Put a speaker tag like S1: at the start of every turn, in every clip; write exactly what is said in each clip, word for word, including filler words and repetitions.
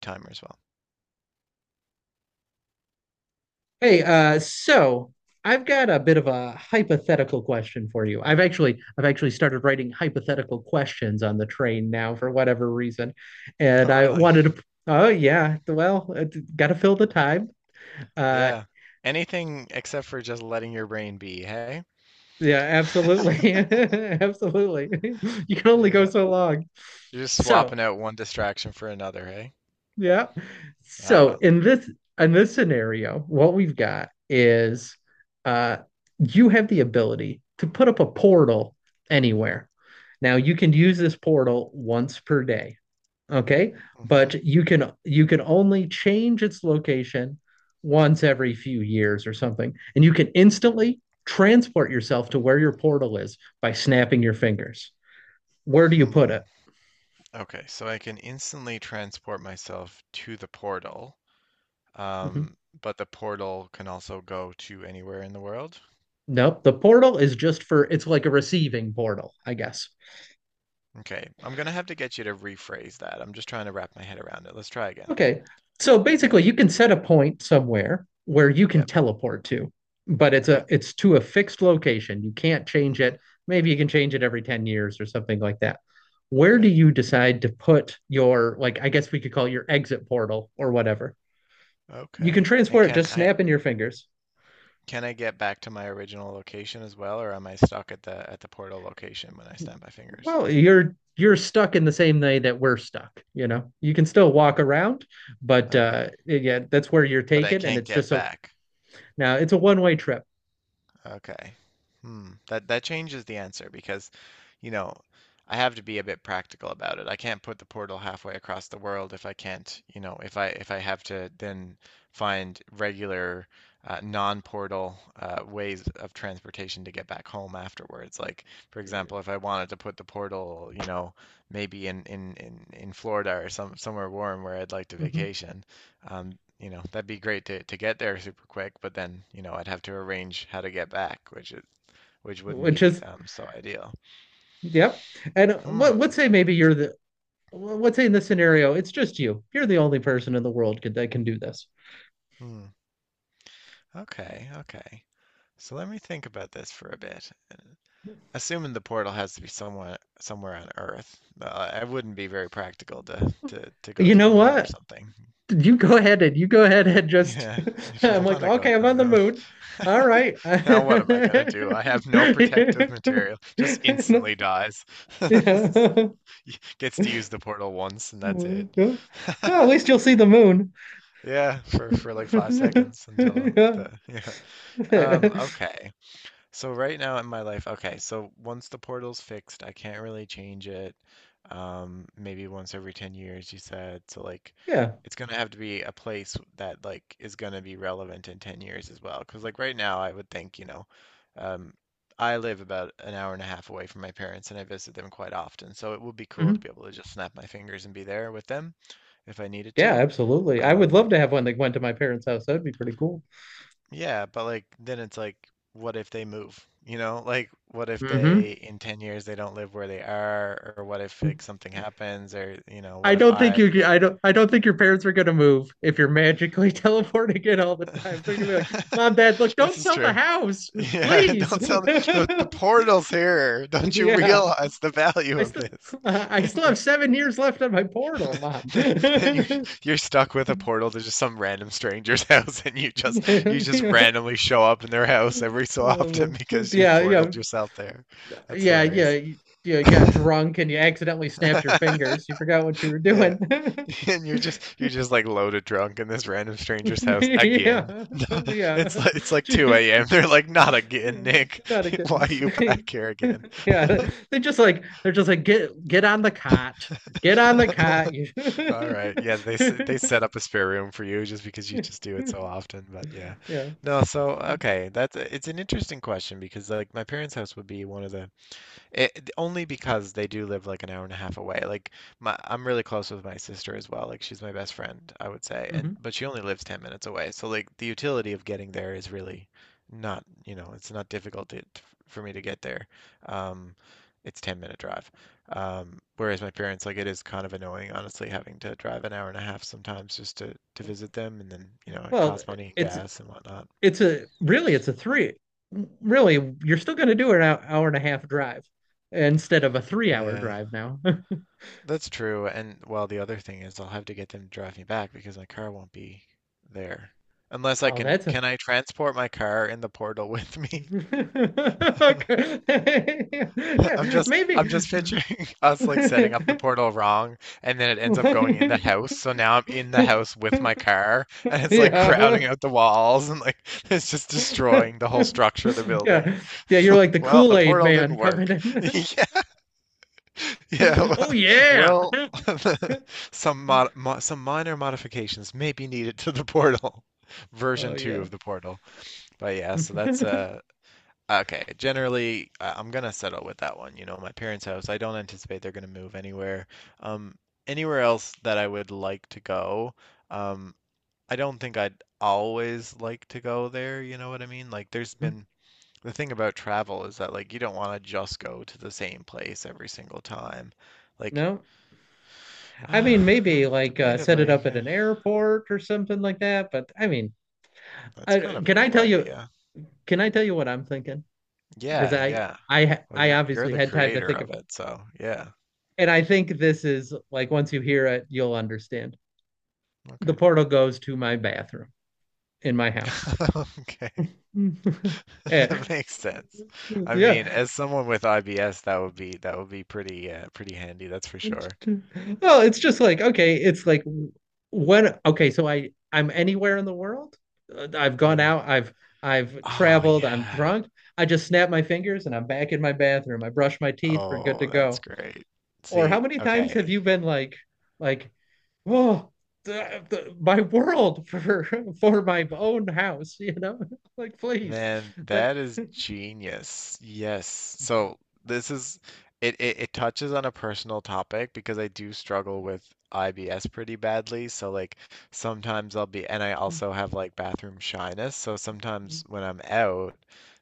S1: Timer as well.
S2: Hey, uh, so I've got a bit of a hypothetical question for you. I've actually I've actually started writing hypothetical questions on the train now for whatever reason, and
S1: Oh,
S2: I
S1: really?
S2: wanted to. Oh yeah, well, got to fill the time. Uh,
S1: Yeah. Anything except for just letting your brain be, hey?
S2: yeah, absolutely, absolutely. You can only go
S1: Yeah.
S2: so long.
S1: You're just
S2: So,
S1: swapping out one distraction for another, hey?
S2: Yeah.
S1: Ah,
S2: So
S1: well.
S2: in this in this scenario, what we've got is uh you have the ability to put up a portal anywhere. Now you can use this portal once per day, okay?
S1: Mm-hmm.
S2: But you can you can only change its location once every few years or something. And you can instantly transport yourself to where your portal is by snapping your fingers. Where do you put it?
S1: Hmm. Okay, so I can instantly transport myself to the portal. Um,
S2: Mhm.
S1: but the portal can also go to anywhere in the world.
S2: Nope. The portal is just for it's like a receiving portal, I guess.
S1: Okay, I'm gonna have to get you to rephrase that. I'm just trying to wrap my head around it. Let's try again.
S2: Okay. So basically
S1: Yeah.
S2: you can set a point somewhere where you can
S1: Yep.
S2: teleport to, but it's
S1: Okay.
S2: a it's to a fixed location. You can't change
S1: Mm-hmm.
S2: it. Maybe you can change it every ten years or something like that. Where
S1: Okay.
S2: do you decide to put your, like, I guess we could call it your exit portal or whatever? You can
S1: Okay. And
S2: transport it
S1: can
S2: just
S1: I
S2: snapping your fingers.
S1: can I get back to my original location as well, or am I stuck at the at the portal location when I snap my fingers?
S2: Well, you're you're stuck in the same way that we're stuck, you know, you can still walk around, but uh
S1: Okay.
S2: yeah, that's where you're
S1: But I
S2: taken, and
S1: can't
S2: it's
S1: get
S2: just so
S1: back.
S2: now it's a one-way trip.
S1: Okay. Hmm. That that changes the answer because, you know, I have to be a bit practical about it. I can't put the portal halfway across the world if I can't, you know, if I if I have to then find regular uh, non-portal uh, ways of transportation to get back home afterwards. Like, for example, if I wanted to put the portal, you know, maybe in in in, in Florida or some somewhere warm where I'd like to
S2: Mhm.
S1: vacation, um, you know, that'd be great to, to get there super quick, but then, you know, I'd have to arrange how to get back, which is which wouldn't
S2: Which
S1: be
S2: is,
S1: um, so ideal.
S2: yep. And uh,
S1: Hmm.
S2: what, let's say maybe you're the well, let's say in this scenario it's just you you're the only person in the world could, that can do this.
S1: Hmm. Okay, okay. So let me think about this for a bit. Assuming the portal has to be somewhere somewhere on Earth, uh, it wouldn't be very practical to, to to go
S2: You
S1: to the
S2: know
S1: moon or
S2: what,
S1: something.
S2: you go ahead and you go ahead and just
S1: Yeah, if you
S2: I'm like,
S1: want to go
S2: okay,
S1: to
S2: I'm
S1: the
S2: on the
S1: moon.
S2: moon, all right.
S1: Now what am I gonna do? I have no protective material. Just instantly dies.
S2: Yeah.
S1: Gets to use the portal once and that's it.
S2: Mm, yeah. Well, at least you'll see the moon.
S1: Yeah, for for like five seconds until
S2: Yeah.
S1: the yeah. Um, okay. So right now in my life, okay, so once the portal's fixed, I can't really change it. Um, maybe once every ten years, you said. So like
S2: Yeah.
S1: it's gonna have to be a place that like is gonna be relevant in ten years as well. Because like right now I would think, you know, um I live about an hour and a half away from my parents and I visit them quite often. So it would be cool to
S2: Hmm.
S1: be able to just snap my fingers and be there with them if I needed
S2: Yeah,
S1: to.
S2: absolutely. I would
S1: Um,
S2: love to have one that went to my parents' house. That'd be pretty cool.
S1: yeah, but like then it's like what if they move? You know, like what if
S2: Hmm.
S1: they in ten years they don't live where they are or what if like something happens or you know,
S2: I
S1: what if
S2: don't think
S1: I
S2: you I don't I don't think your parents are gonna move if you're magically teleporting it all the time. They're gonna be like, Mom, Dad, look, don't
S1: this is
S2: sell the
S1: true.
S2: house,
S1: Yeah,
S2: please.
S1: don't sell the, the the portal's here. Don't you
S2: Yeah.
S1: realize the value
S2: I
S1: of
S2: still
S1: this?
S2: I still have seven years left on my portal, Mom.
S1: Then then you're you're stuck with a portal to just some random stranger's house and you just you just
S2: Yeah.
S1: randomly show up in their house every so often
S2: Uh,
S1: because you
S2: yeah, yeah.
S1: portaled yourself there. That's
S2: Yeah, yeah,
S1: hilarious.
S2: you, you got drunk and you accidentally snapped your fingers. You forgot what you were
S1: Yeah.
S2: doing.
S1: And you're just you're just like loaded drunk in this random stranger's house again.
S2: Yeah,
S1: It's
S2: yeah.
S1: like it's like two a m. They're like, not again, Nick.
S2: Not a
S1: Why are you
S2: good.
S1: back here again?
S2: Yeah, they just like they're just like get get on the cot, get on the cot. You-
S1: All right. Yeah, they s- they set up a spare room for you just because you just do it so often, but yeah.
S2: Yeah.
S1: No, so okay, that's it's an interesting question because like my parents' house would be one of the it only because they do live like an hour and a half away. Like my, I'm really close with my sister as well. Like she's my best friend, I would say. And
S2: Hmm.
S1: but she only lives ten minutes away. So like the utility of getting there is really not, you know, it's not difficult to, for me to get there. Um, it's ten minute drive. Um, whereas my parents, like it is kind of annoying, honestly, having to drive an hour and a half sometimes just to to visit them, and then, you know, it
S2: Well,
S1: costs money,
S2: it's
S1: gas and whatnot.
S2: it's a really it's a three. Really, you're still going to do an hour, hour and a half drive instead of a three hour
S1: Yeah.
S2: drive now.
S1: That's true. And well, the other thing is I'll have to get them to drive me back because my car won't be there. Unless I
S2: Oh,
S1: can,
S2: that's a.
S1: can I transport my car in the portal with me?
S2: Okay.
S1: I'm just, I'm
S2: Maybe.
S1: just picturing us like setting up the portal wrong, and then it ends up going in the house. So now I'm in the house with my car, and it's like crowding
S2: Yeah.
S1: out the walls, and like it's just destroying the whole structure of the building.
S2: Yeah. Yeah,
S1: It's
S2: you're
S1: like,
S2: like the
S1: well, the
S2: Kool-Aid
S1: portal
S2: man
S1: didn't
S2: coming
S1: work.
S2: in.
S1: Yeah. Yeah,
S2: Oh yeah.
S1: well, well, some mod, mo some minor modifications may be needed to the portal,
S2: Oh
S1: version two
S2: yeah.
S1: of the portal. But yeah, so that's uh okay. Generally, I- I'm gonna settle with that one. You know, my parents' house. I don't anticipate they're gonna move anywhere. Um, Anywhere else that I would like to go. Um, I don't think I'd always like to go there. You know what I mean? Like, there's been the thing about travel is that like you don't want to just go to the same place every single time like
S2: No. I
S1: Uh,
S2: mean,
S1: uh,
S2: maybe like uh, set it
S1: debatably,
S2: up at
S1: eh,
S2: an airport or something like that, but I mean,
S1: that's kind
S2: I,
S1: of a
S2: can I
S1: cool
S2: tell you
S1: idea.
S2: can I tell you what I'm thinking? Because
S1: Yeah,
S2: I
S1: yeah.
S2: I
S1: Well,
S2: I
S1: you're you're
S2: obviously
S1: the
S2: had time to
S1: creator
S2: think
S1: of
S2: about.
S1: it, so yeah.
S2: And I think this is like once you hear it, you'll understand. The
S1: Okay.
S2: portal goes to my bathroom in my house.
S1: Okay.
S2: Eh,
S1: That makes sense. I
S2: yeah.
S1: mean, as someone with I B S, that would be that would be pretty uh, pretty handy, that's for sure.
S2: Well, it's just like, okay, it's like when, okay, so I, I'm anywhere in the world. Uh, I've gone
S1: Yeah.
S2: out, I've, I've
S1: Oh
S2: traveled, I'm
S1: yeah.
S2: drunk. I just snap my fingers and I'm back in my bathroom. I brush my teeth, we're good to
S1: Oh, that's
S2: go.
S1: great.
S2: Or how
S1: See,
S2: many times have
S1: okay.
S2: you been like, like, well, the, the, my world for for my own house, you know, like please,
S1: Man,
S2: that,
S1: that is genius. Yes. So this is it, it it touches on a personal topic because I do struggle with I B S pretty badly. So like sometimes I'll be and I also have like bathroom shyness. So sometimes when I'm out,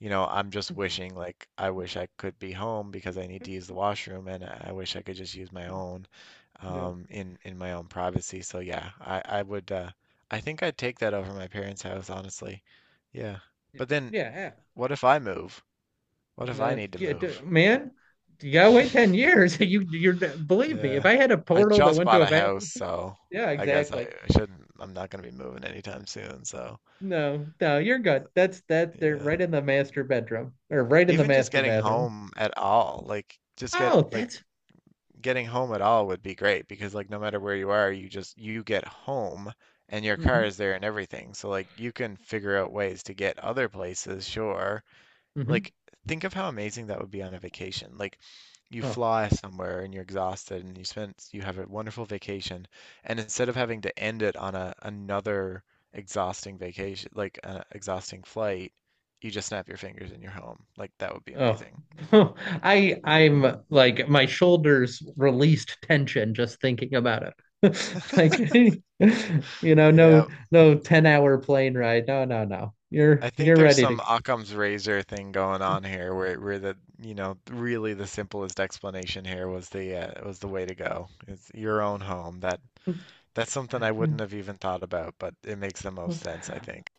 S1: you know, I'm just wishing like I wish I could be home because I need to use the washroom and I I wish I could just use my own
S2: no,
S1: um in in my own privacy. So yeah, I I would uh I think I'd take that over my parents' house, honestly. Yeah.
S2: yeah,
S1: But then
S2: yeah,
S1: what if I move? What if I
S2: no,
S1: need to
S2: yeah,
S1: move?
S2: man, you gotta wait ten years. You, you're believe me, if
S1: Yeah.
S2: I had a
S1: I
S2: portal that
S1: just
S2: went to
S1: bought
S2: a
S1: a house,
S2: bathroom,
S1: so
S2: yeah,
S1: I guess I,
S2: exactly.
S1: I shouldn't, I'm not going to be moving anytime soon, so
S2: No, no, you're good. That's that. They're
S1: yeah.
S2: right in the master bedroom or right in the
S1: Even just
S2: master
S1: getting
S2: bathroom.
S1: home at all, like just get
S2: Oh,
S1: like
S2: that's
S1: getting home at all would be great because like no matter where you are, you just you get home and your
S2: mm-hmm,
S1: car is there and everything. So like you can figure out ways to get other places, sure,
S2: mm-hmm.
S1: like, think of how amazing that would be on a vacation. Like, you
S2: Oh,
S1: fly somewhere and you're exhausted and you spend you have a wonderful vacation and instead of having to end it on a another exhausting vacation like an exhausting flight, you just snap your fingers and you're home. Like that would be
S2: Oh,
S1: amazing.
S2: I I'm like my shoulders released tension just thinking about it. Like, you know, no
S1: Yeah,
S2: no ten hour plane ride. No, no, no. You're
S1: I think
S2: you're
S1: there's
S2: ready to
S1: some Occam's razor thing going on here where where the you know really the simplest explanation here was the uh, was the way to go. It's your own home. that That's something I wouldn't have even thought about, but it makes the
S2: go.
S1: most sense, I think.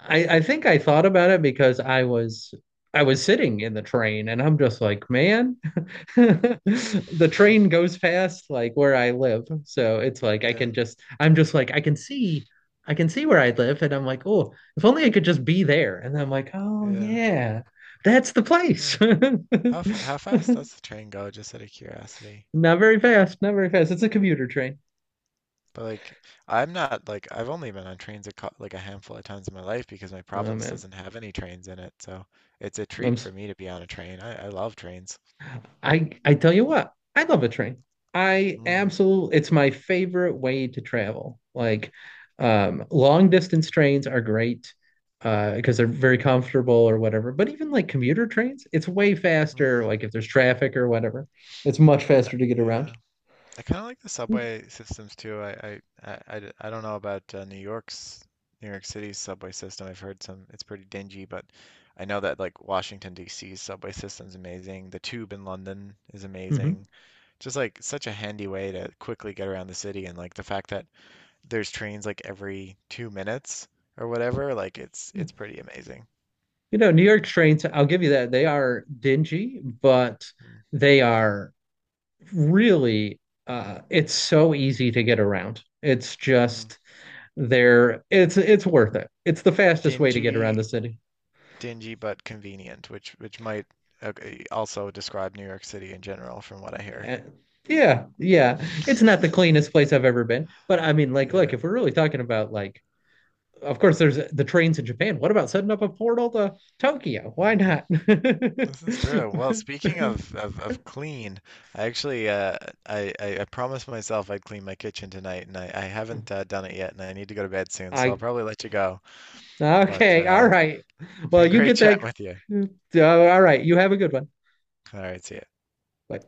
S2: I I think I thought about it because I was I was sitting in the train and I'm just like, man, the train goes past like where I live. So it's like I
S1: Yeah,
S2: can just I'm just like I can see I can see where I live and I'm like, oh, if only I could just be there. And I'm like, oh
S1: yeah.
S2: yeah, that's the place.
S1: Huh. How f how fast does the train go, just out of curiosity?
S2: Not very fast, not very fast. It's a commuter train.
S1: But like, I'm not like I've only been on trains a cou- like a handful of times in my life because my
S2: Oh
S1: province
S2: man.
S1: doesn't have any trains in it, so it's a
S2: I'm
S1: treat
S2: s-
S1: for me to be on a train. I, I love trains.
S2: I I tell you what, I love a train. I
S1: Mm,
S2: absolutely, it's my favorite way to travel. Like, um, long distance trains are great uh, because they're very comfortable or whatever. But even like commuter trains, it's way
S1: mm,
S2: faster. Like if there's traffic or whatever, it's much
S1: uh,
S2: faster to get around.
S1: yeah. I kind of like the
S2: Mm.
S1: subway systems too. I, I, I, I d- I don't know about uh, New York's New York City's subway system. I've heard some it's pretty dingy, but I know that like Washington D C's subway system's amazing. The tube in London is
S2: Hmm.
S1: amazing. Just like such a handy way to quickly get around the city and like the fact that there's trains like every two minutes or whatever, like it's it's pretty amazing.
S2: You know, New York trains, I'll give you that. They are dingy, but
S1: Mm,
S2: they are really uh it's so easy to get around. It's
S1: mm.
S2: just they're it's it's worth it. It's the fastest way to get around the
S1: Dingy
S2: city.
S1: Dingy but convenient, which which might uh, also describe New York City in general, from what I hear.
S2: Uh, yeah, yeah. It's not the cleanest place I've ever been, but I mean, like, look,
S1: Yeah,
S2: if we're really talking about like, of course, there's the trains in Japan. What about setting up a portal to Tokyo? Why
S1: mm,
S2: not?
S1: this is true. Well, speaking of, of, of clean, I actually uh, I, I I promised myself I'd clean my kitchen tonight, and I, I haven't uh, done it yet, and I need to go to bed soon, so
S2: I
S1: I'll probably let you go. But
S2: Okay, all
S1: uh,
S2: right.
S1: it's
S2: Well,
S1: been
S2: you
S1: great
S2: get that.
S1: chatting with you.
S2: Uh, all right, you have a good one.
S1: All right, see ya.
S2: Bye.